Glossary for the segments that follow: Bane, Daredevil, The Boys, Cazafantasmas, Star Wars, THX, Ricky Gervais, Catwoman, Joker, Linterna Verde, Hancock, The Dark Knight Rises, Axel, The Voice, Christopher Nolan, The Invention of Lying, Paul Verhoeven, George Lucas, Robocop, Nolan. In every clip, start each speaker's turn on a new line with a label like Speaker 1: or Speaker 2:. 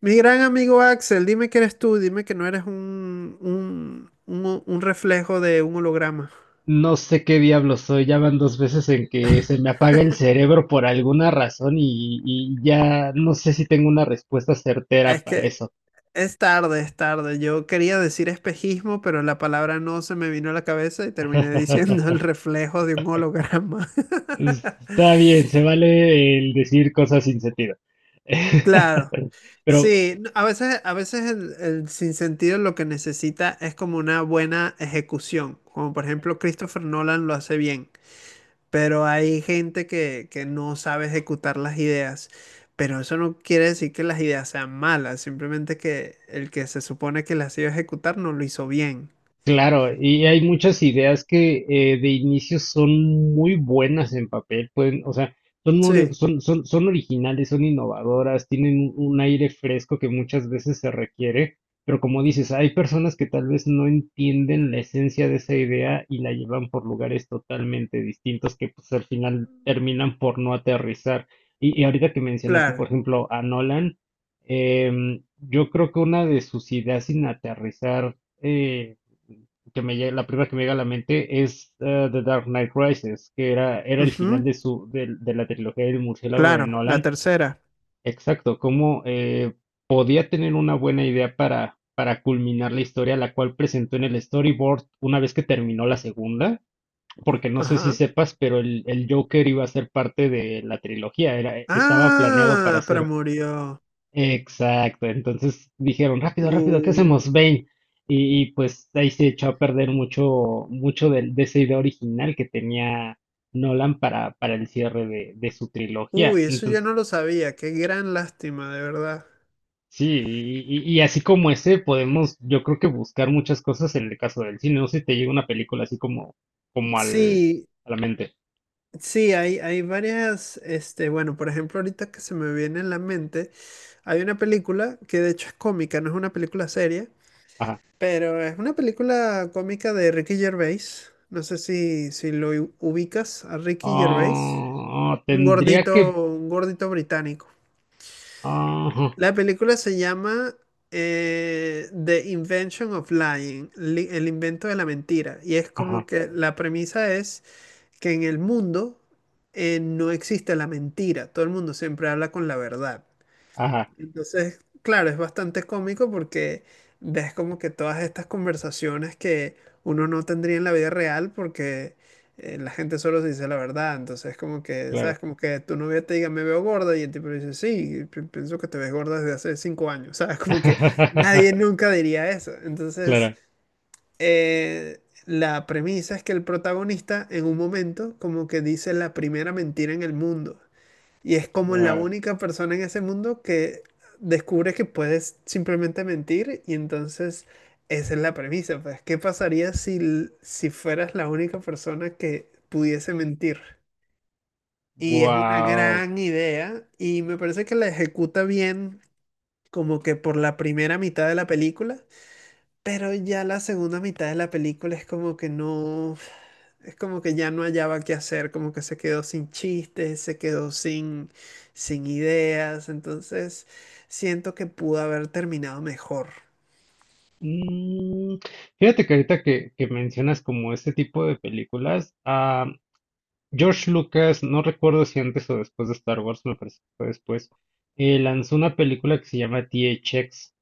Speaker 1: Mi gran amigo Axel, dime que eres tú, dime que no eres un reflejo de un holograma.
Speaker 2: No sé qué diablo soy, ya van dos veces en que se me apaga el cerebro por alguna razón y ya no sé si tengo una respuesta certera
Speaker 1: Es
Speaker 2: para
Speaker 1: que
Speaker 2: eso.
Speaker 1: es tarde, es tarde. Yo quería decir espejismo, pero la palabra no se me vino a la cabeza y terminé diciendo el reflejo de un holograma.
Speaker 2: Está bien, se vale el decir cosas sin sentido.
Speaker 1: Claro.
Speaker 2: Pero
Speaker 1: Sí, a veces el sinsentido lo que necesita es como una buena ejecución, como por ejemplo Christopher Nolan lo hace bien. Pero hay gente que no sabe ejecutar las ideas. Pero eso no quiere decir que las ideas sean malas, simplemente que el que se supone que las iba a ejecutar no lo hizo bien.
Speaker 2: claro, y hay muchas ideas que de inicio son muy buenas en papel, pueden, o sea,
Speaker 1: Sí,
Speaker 2: son originales, son innovadoras, tienen un aire fresco que muchas veces se requiere, pero como dices, hay personas que tal vez no entienden la esencia de esa idea y la llevan por lugares totalmente distintos que pues al final terminan por no aterrizar. Y ahorita que mencionaste, por
Speaker 1: claro.
Speaker 2: ejemplo, a Nolan, yo creo que una de sus ideas sin aterrizar, eh, que me llega, la primera que me llega a la mente es The Dark Knight Rises, era el final
Speaker 1: Ujú,
Speaker 2: de la trilogía del murciélago de
Speaker 1: claro, la
Speaker 2: Nolan.
Speaker 1: tercera.
Speaker 2: Exacto, cómo podía tener una buena idea para culminar la historia, la cual presentó en el storyboard una vez que terminó la segunda, porque no sé si
Speaker 1: Ajá.
Speaker 2: sepas, pero el Joker iba a ser parte de la trilogía, era, estaba planeado para
Speaker 1: Ah, pero
Speaker 2: ser.
Speaker 1: murió.
Speaker 2: Exacto, entonces dijeron, rápido, rápido, ¿qué hacemos?
Speaker 1: Uh,
Speaker 2: Bane. Y, y pues ahí se echó a perder mucho, mucho esa idea original que tenía Nolan para el cierre de su trilogía.
Speaker 1: uy, eso yo
Speaker 2: Entonces,
Speaker 1: no lo sabía. Qué gran lástima, de verdad.
Speaker 2: sí, y así como ese, podemos, yo creo que buscar muchas cosas en el caso del cine. No sé si te llega una película así como, como al,
Speaker 1: Sí,
Speaker 2: a la mente.
Speaker 1: sí, hay varias, este, bueno, por ejemplo, ahorita que se me viene en la mente, hay una película que de hecho es cómica, no es una película seria,
Speaker 2: Ajá.
Speaker 1: pero es una película cómica de Ricky Gervais. No sé si, si lo ubicas a Ricky Gervais,
Speaker 2: Ah, tendría que.
Speaker 1: un gordito británico.
Speaker 2: Ajá,
Speaker 1: La película se llama The Invention of Lying, el invento de la mentira, y es como
Speaker 2: ajá,
Speaker 1: que la premisa es que en el mundo no existe la mentira, todo el mundo siempre habla con la verdad.
Speaker 2: ajá,
Speaker 1: Entonces, claro, es bastante cómico porque ves como que todas estas conversaciones que uno no tendría en la vida real porque la gente solo se dice la verdad. Entonces, como que,
Speaker 2: claro.
Speaker 1: ¿sabes? Como que tu novia te diga, me veo gorda y el tipo le dice, sí, pienso que te ves gorda desde hace cinco años, ¿sabes? Como que nadie nunca diría eso. Entonces
Speaker 2: Claro.
Speaker 1: la premisa es que el protagonista en un momento como que dice la primera mentira en el mundo y es como la
Speaker 2: Ah.
Speaker 1: única persona en ese mundo que descubre que puedes simplemente mentir y entonces esa es la premisa, pues, ¿qué pasaría si, si fueras la única persona que pudiese mentir? Y es una
Speaker 2: Wow.
Speaker 1: gran idea y me parece que la ejecuta bien como que por la primera mitad de la película. Pero ya la segunda mitad de la película es como que no, es como que ya no hallaba qué hacer, como que se quedó sin chistes, se quedó sin, sin ideas, entonces siento que pudo haber terminado mejor.
Speaker 2: Mm, fíjate que ahorita que mencionas como este tipo de películas, George Lucas, no recuerdo si antes o después de Star Wars, me parece que fue después, lanzó una película que se llama THX.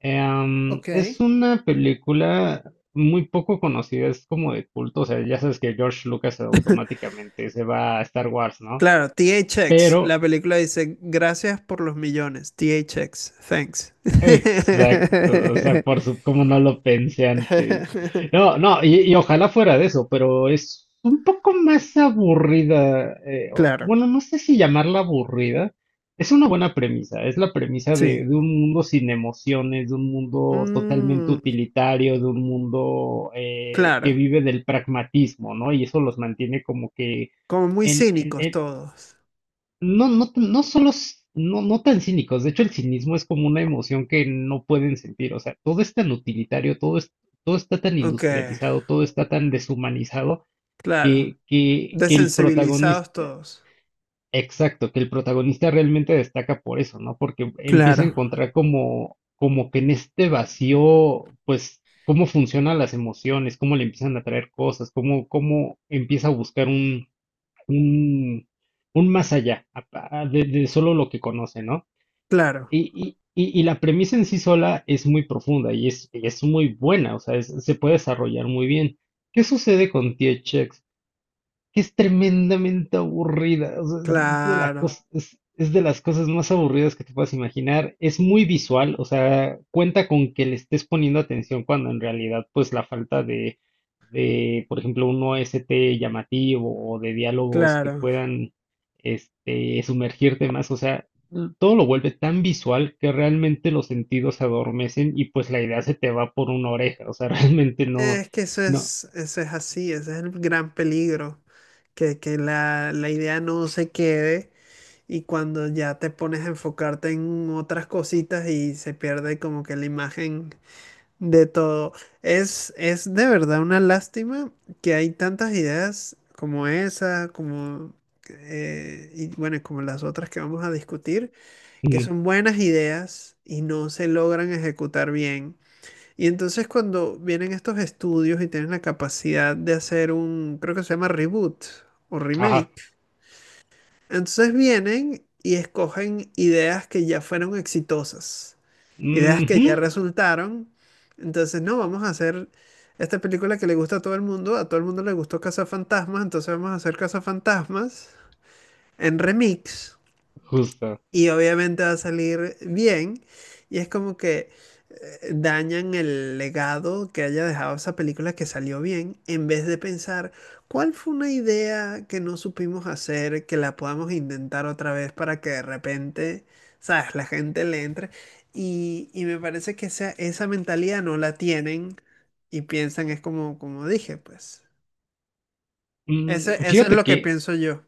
Speaker 1: Ok.
Speaker 2: Es una película muy poco conocida, es como de culto, o sea, ya sabes que George Lucas automáticamente se va a Star Wars, ¿no?
Speaker 1: Claro, THX,
Speaker 2: Pero
Speaker 1: la película dice, gracias por los millones, THX, thanks.
Speaker 2: exacto, o sea, por su, como no lo pensé antes. No, no, y ojalá fuera de eso, pero es un poco más aburrida.
Speaker 1: Claro,
Speaker 2: Bueno, no sé si llamarla aburrida. Es una buena premisa, es la premisa
Speaker 1: sí.
Speaker 2: de un mundo sin emociones, de un mundo totalmente
Speaker 1: Mm,
Speaker 2: utilitario, de un mundo que
Speaker 1: claro,
Speaker 2: vive del pragmatismo, ¿no? Y eso los mantiene como que
Speaker 1: como muy cínicos todos.
Speaker 2: no solo, no, no tan cínicos, de hecho el cinismo es como una emoción que no pueden sentir, o sea, todo es tan utilitario, todo es, todo está tan
Speaker 1: Ok,
Speaker 2: industrializado, todo está tan deshumanizado
Speaker 1: claro.
Speaker 2: que el
Speaker 1: Desensibilizados
Speaker 2: protagonista,
Speaker 1: todos.
Speaker 2: exacto, que el protagonista realmente destaca por eso, ¿no? Porque empieza a
Speaker 1: Claro.
Speaker 2: encontrar como, como que en este vacío, pues, cómo funcionan las emociones, cómo le empiezan a traer cosas, cómo, cómo empieza a buscar un, un más allá de solo lo que conoce, ¿no?
Speaker 1: Claro,
Speaker 2: Y la premisa en sí sola es muy profunda y es muy buena, o sea, se puede desarrollar muy bien. ¿Qué sucede con T.H., que es tremendamente aburrida? O sea,
Speaker 1: claro,
Speaker 2: es de las cosas más aburridas que te puedas imaginar. Es muy visual, o sea, cuenta con que le estés poniendo atención cuando en realidad, pues la falta de, por ejemplo, un OST llamativo o de diálogos que
Speaker 1: claro.
Speaker 2: puedan, este, sumergirte más, o sea, todo lo vuelve tan visual que realmente los sentidos se adormecen y pues la idea se te va por una oreja, o sea, realmente no,
Speaker 1: Es que
Speaker 2: no,
Speaker 1: eso es así, ese es el gran peligro, que la, la idea no se quede y cuando ya te pones a enfocarte en otras cositas y se pierde como que la imagen de todo. Es de verdad una lástima que hay tantas ideas como esa, como, y bueno, como las otras que vamos a discutir que
Speaker 2: mm,
Speaker 1: son buenas ideas y no se logran ejecutar bien. Y entonces cuando vienen estos estudios y tienen la capacidad de hacer un, creo que se llama reboot o
Speaker 2: ajá.
Speaker 1: remake, entonces vienen y escogen ideas que ya fueron exitosas, ideas que
Speaker 2: Ujú.
Speaker 1: ya resultaron. Entonces, no, vamos a hacer esta película que le gusta a todo el mundo, a todo el mundo le gustó Cazafantasmas, entonces vamos a hacer Cazafantasmas en remix
Speaker 2: Justo.
Speaker 1: y obviamente va a salir bien. Y es como que dañan el legado que haya dejado esa película que salió bien, en vez de pensar cuál fue una idea que no supimos hacer, que la podamos intentar otra vez para que de repente, sabes, la gente le entre. Y me parece que esa mentalidad no la tienen y piensan, es como, como dije, pues. Eso es
Speaker 2: Fíjate
Speaker 1: lo que
Speaker 2: que,
Speaker 1: pienso yo.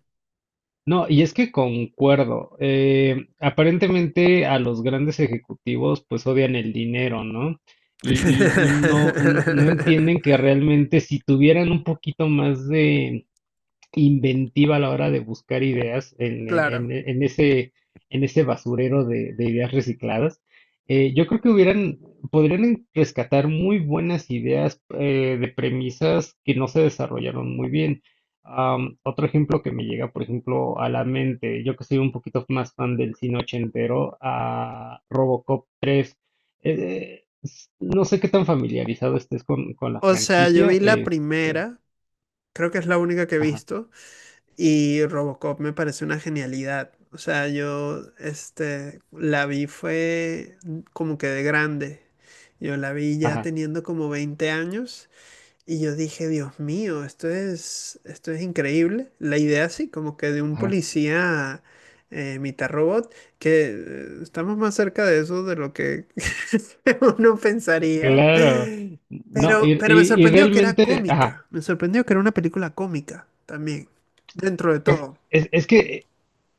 Speaker 2: no, y es que concuerdo. Aparentemente a los grandes ejecutivos pues odian el dinero, ¿no? Y no, no, no entienden que realmente si tuvieran un poquito más de inventiva a la hora de buscar ideas
Speaker 1: Claro.
Speaker 2: en ese basurero de ideas recicladas. Yo creo que hubieran, podrían rescatar muy buenas ideas de premisas que no se desarrollaron muy bien. Otro ejemplo que me llega, por ejemplo, a la mente, yo que soy un poquito más fan del cine ochentero, a Robocop 3. No sé qué tan familiarizado estés con la
Speaker 1: O sea, yo
Speaker 2: franquicia.
Speaker 1: vi la
Speaker 2: Este,
Speaker 1: primera, creo que es la única que he
Speaker 2: ajá,
Speaker 1: visto, y Robocop me parece una genialidad. O sea, yo este, la vi fue como que de grande. Yo la vi ya
Speaker 2: ajá,
Speaker 1: teniendo como 20 años y yo dije, Dios mío, esto es increíble. La idea sí, como que de un
Speaker 2: ajá.
Speaker 1: policía mitad robot, que estamos más cerca de eso de lo que uno pensaría.
Speaker 2: Claro, no, y,
Speaker 1: Pero me
Speaker 2: y- y
Speaker 1: sorprendió que era
Speaker 2: realmente, ajá,
Speaker 1: cómica. Me sorprendió que era una película cómica también, dentro de
Speaker 2: es,
Speaker 1: todo.
Speaker 2: es, es que,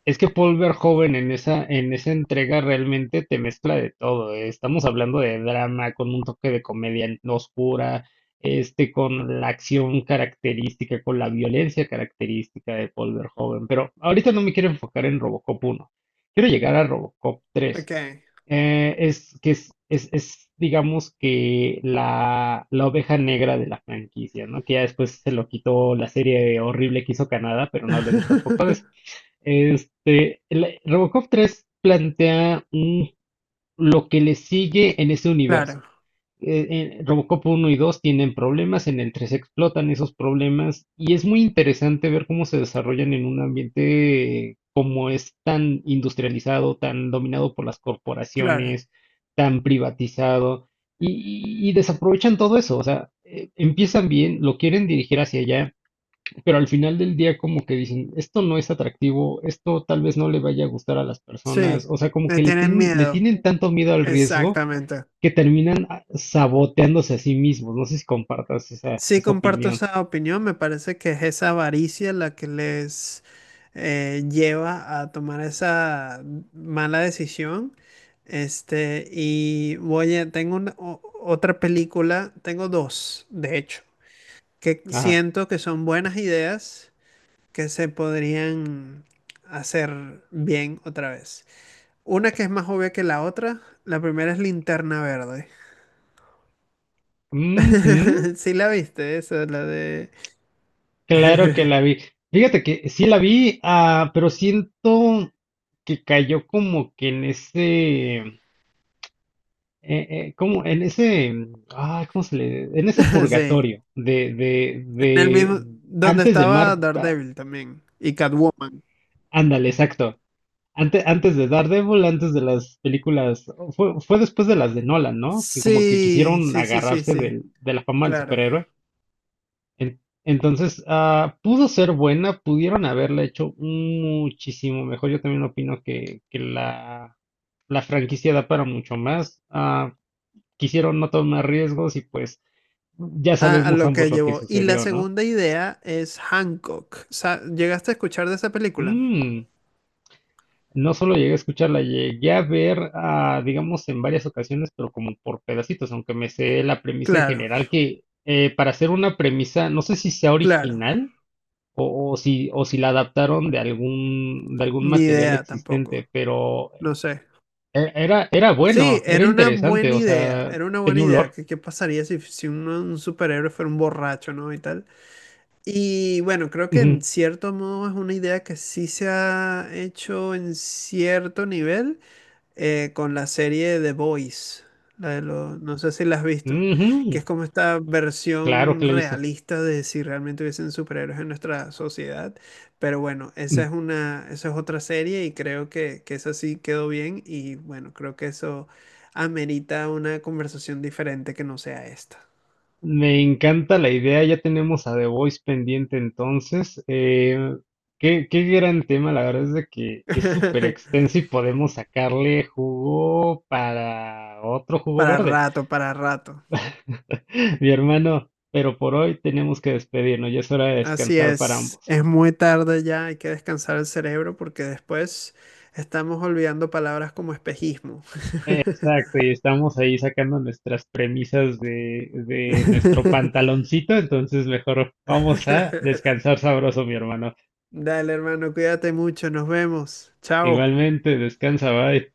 Speaker 2: es que Paul Verhoeven en esa entrega realmente te mezcla de todo, eh. Estamos hablando de drama con un toque de comedia oscura, este, con la acción característica, con la violencia característica de Paul Verhoeven, pero ahorita no me quiero enfocar en Robocop uno, quiero llegar a Robocop tres.
Speaker 1: Ok.
Speaker 2: Es que es, digamos que la oveja negra de la franquicia, ¿no? Que ya después se lo quitó la serie horrible que hizo Canadá, pero no hablemos tampoco de eso. Este, Robocop 3 plantea lo que le sigue en ese
Speaker 1: Claro,
Speaker 2: universo, Robocop uno y 2 tienen problemas, en el 3 explotan esos problemas y es muy interesante ver cómo se desarrollan en un ambiente como es tan industrializado, tan dominado por las
Speaker 1: claro.
Speaker 2: corporaciones, tan privatizado y, y desaprovechan todo eso. O sea, empiezan bien, lo quieren dirigir hacia allá, pero al final del día como que dicen, esto no es atractivo, esto tal vez no le vaya a gustar a las personas,
Speaker 1: Sí,
Speaker 2: o sea, como
Speaker 1: le
Speaker 2: que
Speaker 1: tienen
Speaker 2: le
Speaker 1: miedo.
Speaker 2: tienen tanto miedo al riesgo
Speaker 1: Exactamente.
Speaker 2: que terminan saboteándose a sí mismos. No sé si compartas esa,
Speaker 1: Sí,
Speaker 2: esa
Speaker 1: comparto
Speaker 2: opinión.
Speaker 1: esa opinión. Me parece que es esa avaricia la que les lleva a tomar esa mala decisión. Este, y oye, tengo otra película, tengo dos, de hecho, que
Speaker 2: Ajá.
Speaker 1: siento que son buenas ideas que se podrían hacer bien otra vez. Una que es más obvia que la otra, la primera es Linterna Verde.
Speaker 2: Ujú.
Speaker 1: Sí la viste, esa, la de...
Speaker 2: Claro que la vi. Fíjate que sí la vi, ah, pero siento que cayó como que en ese, como en ese, mm, ah, ¿cómo se le? En ese
Speaker 1: Sí.
Speaker 2: purgatorio
Speaker 1: En el mismo,
Speaker 2: de
Speaker 1: donde
Speaker 2: antes de
Speaker 1: estaba
Speaker 2: Mar, ah,
Speaker 1: Daredevil también y Catwoman.
Speaker 2: ándale, exacto. Antes, antes de Daredevil, antes de las películas, fue, fue después de las de Nolan, ¿no? Que como que
Speaker 1: Sí,
Speaker 2: quisieron
Speaker 1: sí, sí, sí,
Speaker 2: agarrarse
Speaker 1: sí,
Speaker 2: de la fama del
Speaker 1: claro.
Speaker 2: superhéroe. Entonces, ah, pudo ser buena, pudieron haberla hecho muchísimo mejor. Yo también opino que la franquicia da para mucho más. Ah, quisieron no tomar riesgos y pues ya
Speaker 1: A
Speaker 2: sabemos
Speaker 1: lo
Speaker 2: ambos
Speaker 1: que
Speaker 2: lo que
Speaker 1: llevó. Y la
Speaker 2: sucedió, ¿no?
Speaker 1: segunda idea es Hancock. ¿Llegaste a escuchar de esa película?
Speaker 2: Mm. No solo llegué a escucharla, llegué a ver, ah, digamos, en varias ocasiones, pero como por pedacitos, aunque me sé la premisa en
Speaker 1: Claro,
Speaker 2: general, que para hacer una premisa, no sé si sea
Speaker 1: claro.
Speaker 2: original o si la adaptaron de algún
Speaker 1: Ni
Speaker 2: material
Speaker 1: idea tampoco.
Speaker 2: existente, pero
Speaker 1: No sé.
Speaker 2: era, era
Speaker 1: Sí,
Speaker 2: bueno, era
Speaker 1: era una
Speaker 2: interesante,
Speaker 1: buena
Speaker 2: o
Speaker 1: idea.
Speaker 2: sea,
Speaker 1: Era una buena
Speaker 2: tenía un
Speaker 1: idea.
Speaker 2: lore.
Speaker 1: ¿Qué, qué pasaría si, si un, un superhéroe fuera un borracho, ¿no? Y tal. Y bueno, creo que en
Speaker 2: Ujú,
Speaker 1: cierto modo es una idea que sí se ha hecho en cierto nivel. Con la serie The Boys. No sé si la has visto, que
Speaker 2: ujú,
Speaker 1: es como esta
Speaker 2: claro
Speaker 1: versión
Speaker 2: que la he visto.
Speaker 1: realista de si realmente hubiesen superhéroes en nuestra sociedad. Pero bueno, esa es una, esa es otra serie y creo que esa sí quedó bien y bueno, creo que eso amerita una conversación diferente que no sea esta.
Speaker 2: Me encanta la idea, ya tenemos a The Voice pendiente entonces. Qué, qué gran tema, la verdad es de que es súper extenso y podemos sacarle jugo para otro jugo
Speaker 1: Para
Speaker 2: verde,
Speaker 1: rato, para rato.
Speaker 2: mi hermano, pero por hoy tenemos que despedirnos, ya es hora de
Speaker 1: Así
Speaker 2: descansar para ambos.
Speaker 1: es muy tarde ya, hay que descansar el cerebro porque después estamos olvidando palabras como espejismo.
Speaker 2: Exacto, y estamos ahí sacando nuestras premisas de nuestro pantaloncito, entonces mejor vamos a descansar sabroso, mi hermano.
Speaker 1: Dale, hermano, cuídate mucho, nos vemos. Chao.
Speaker 2: Igualmente, descansa, bye.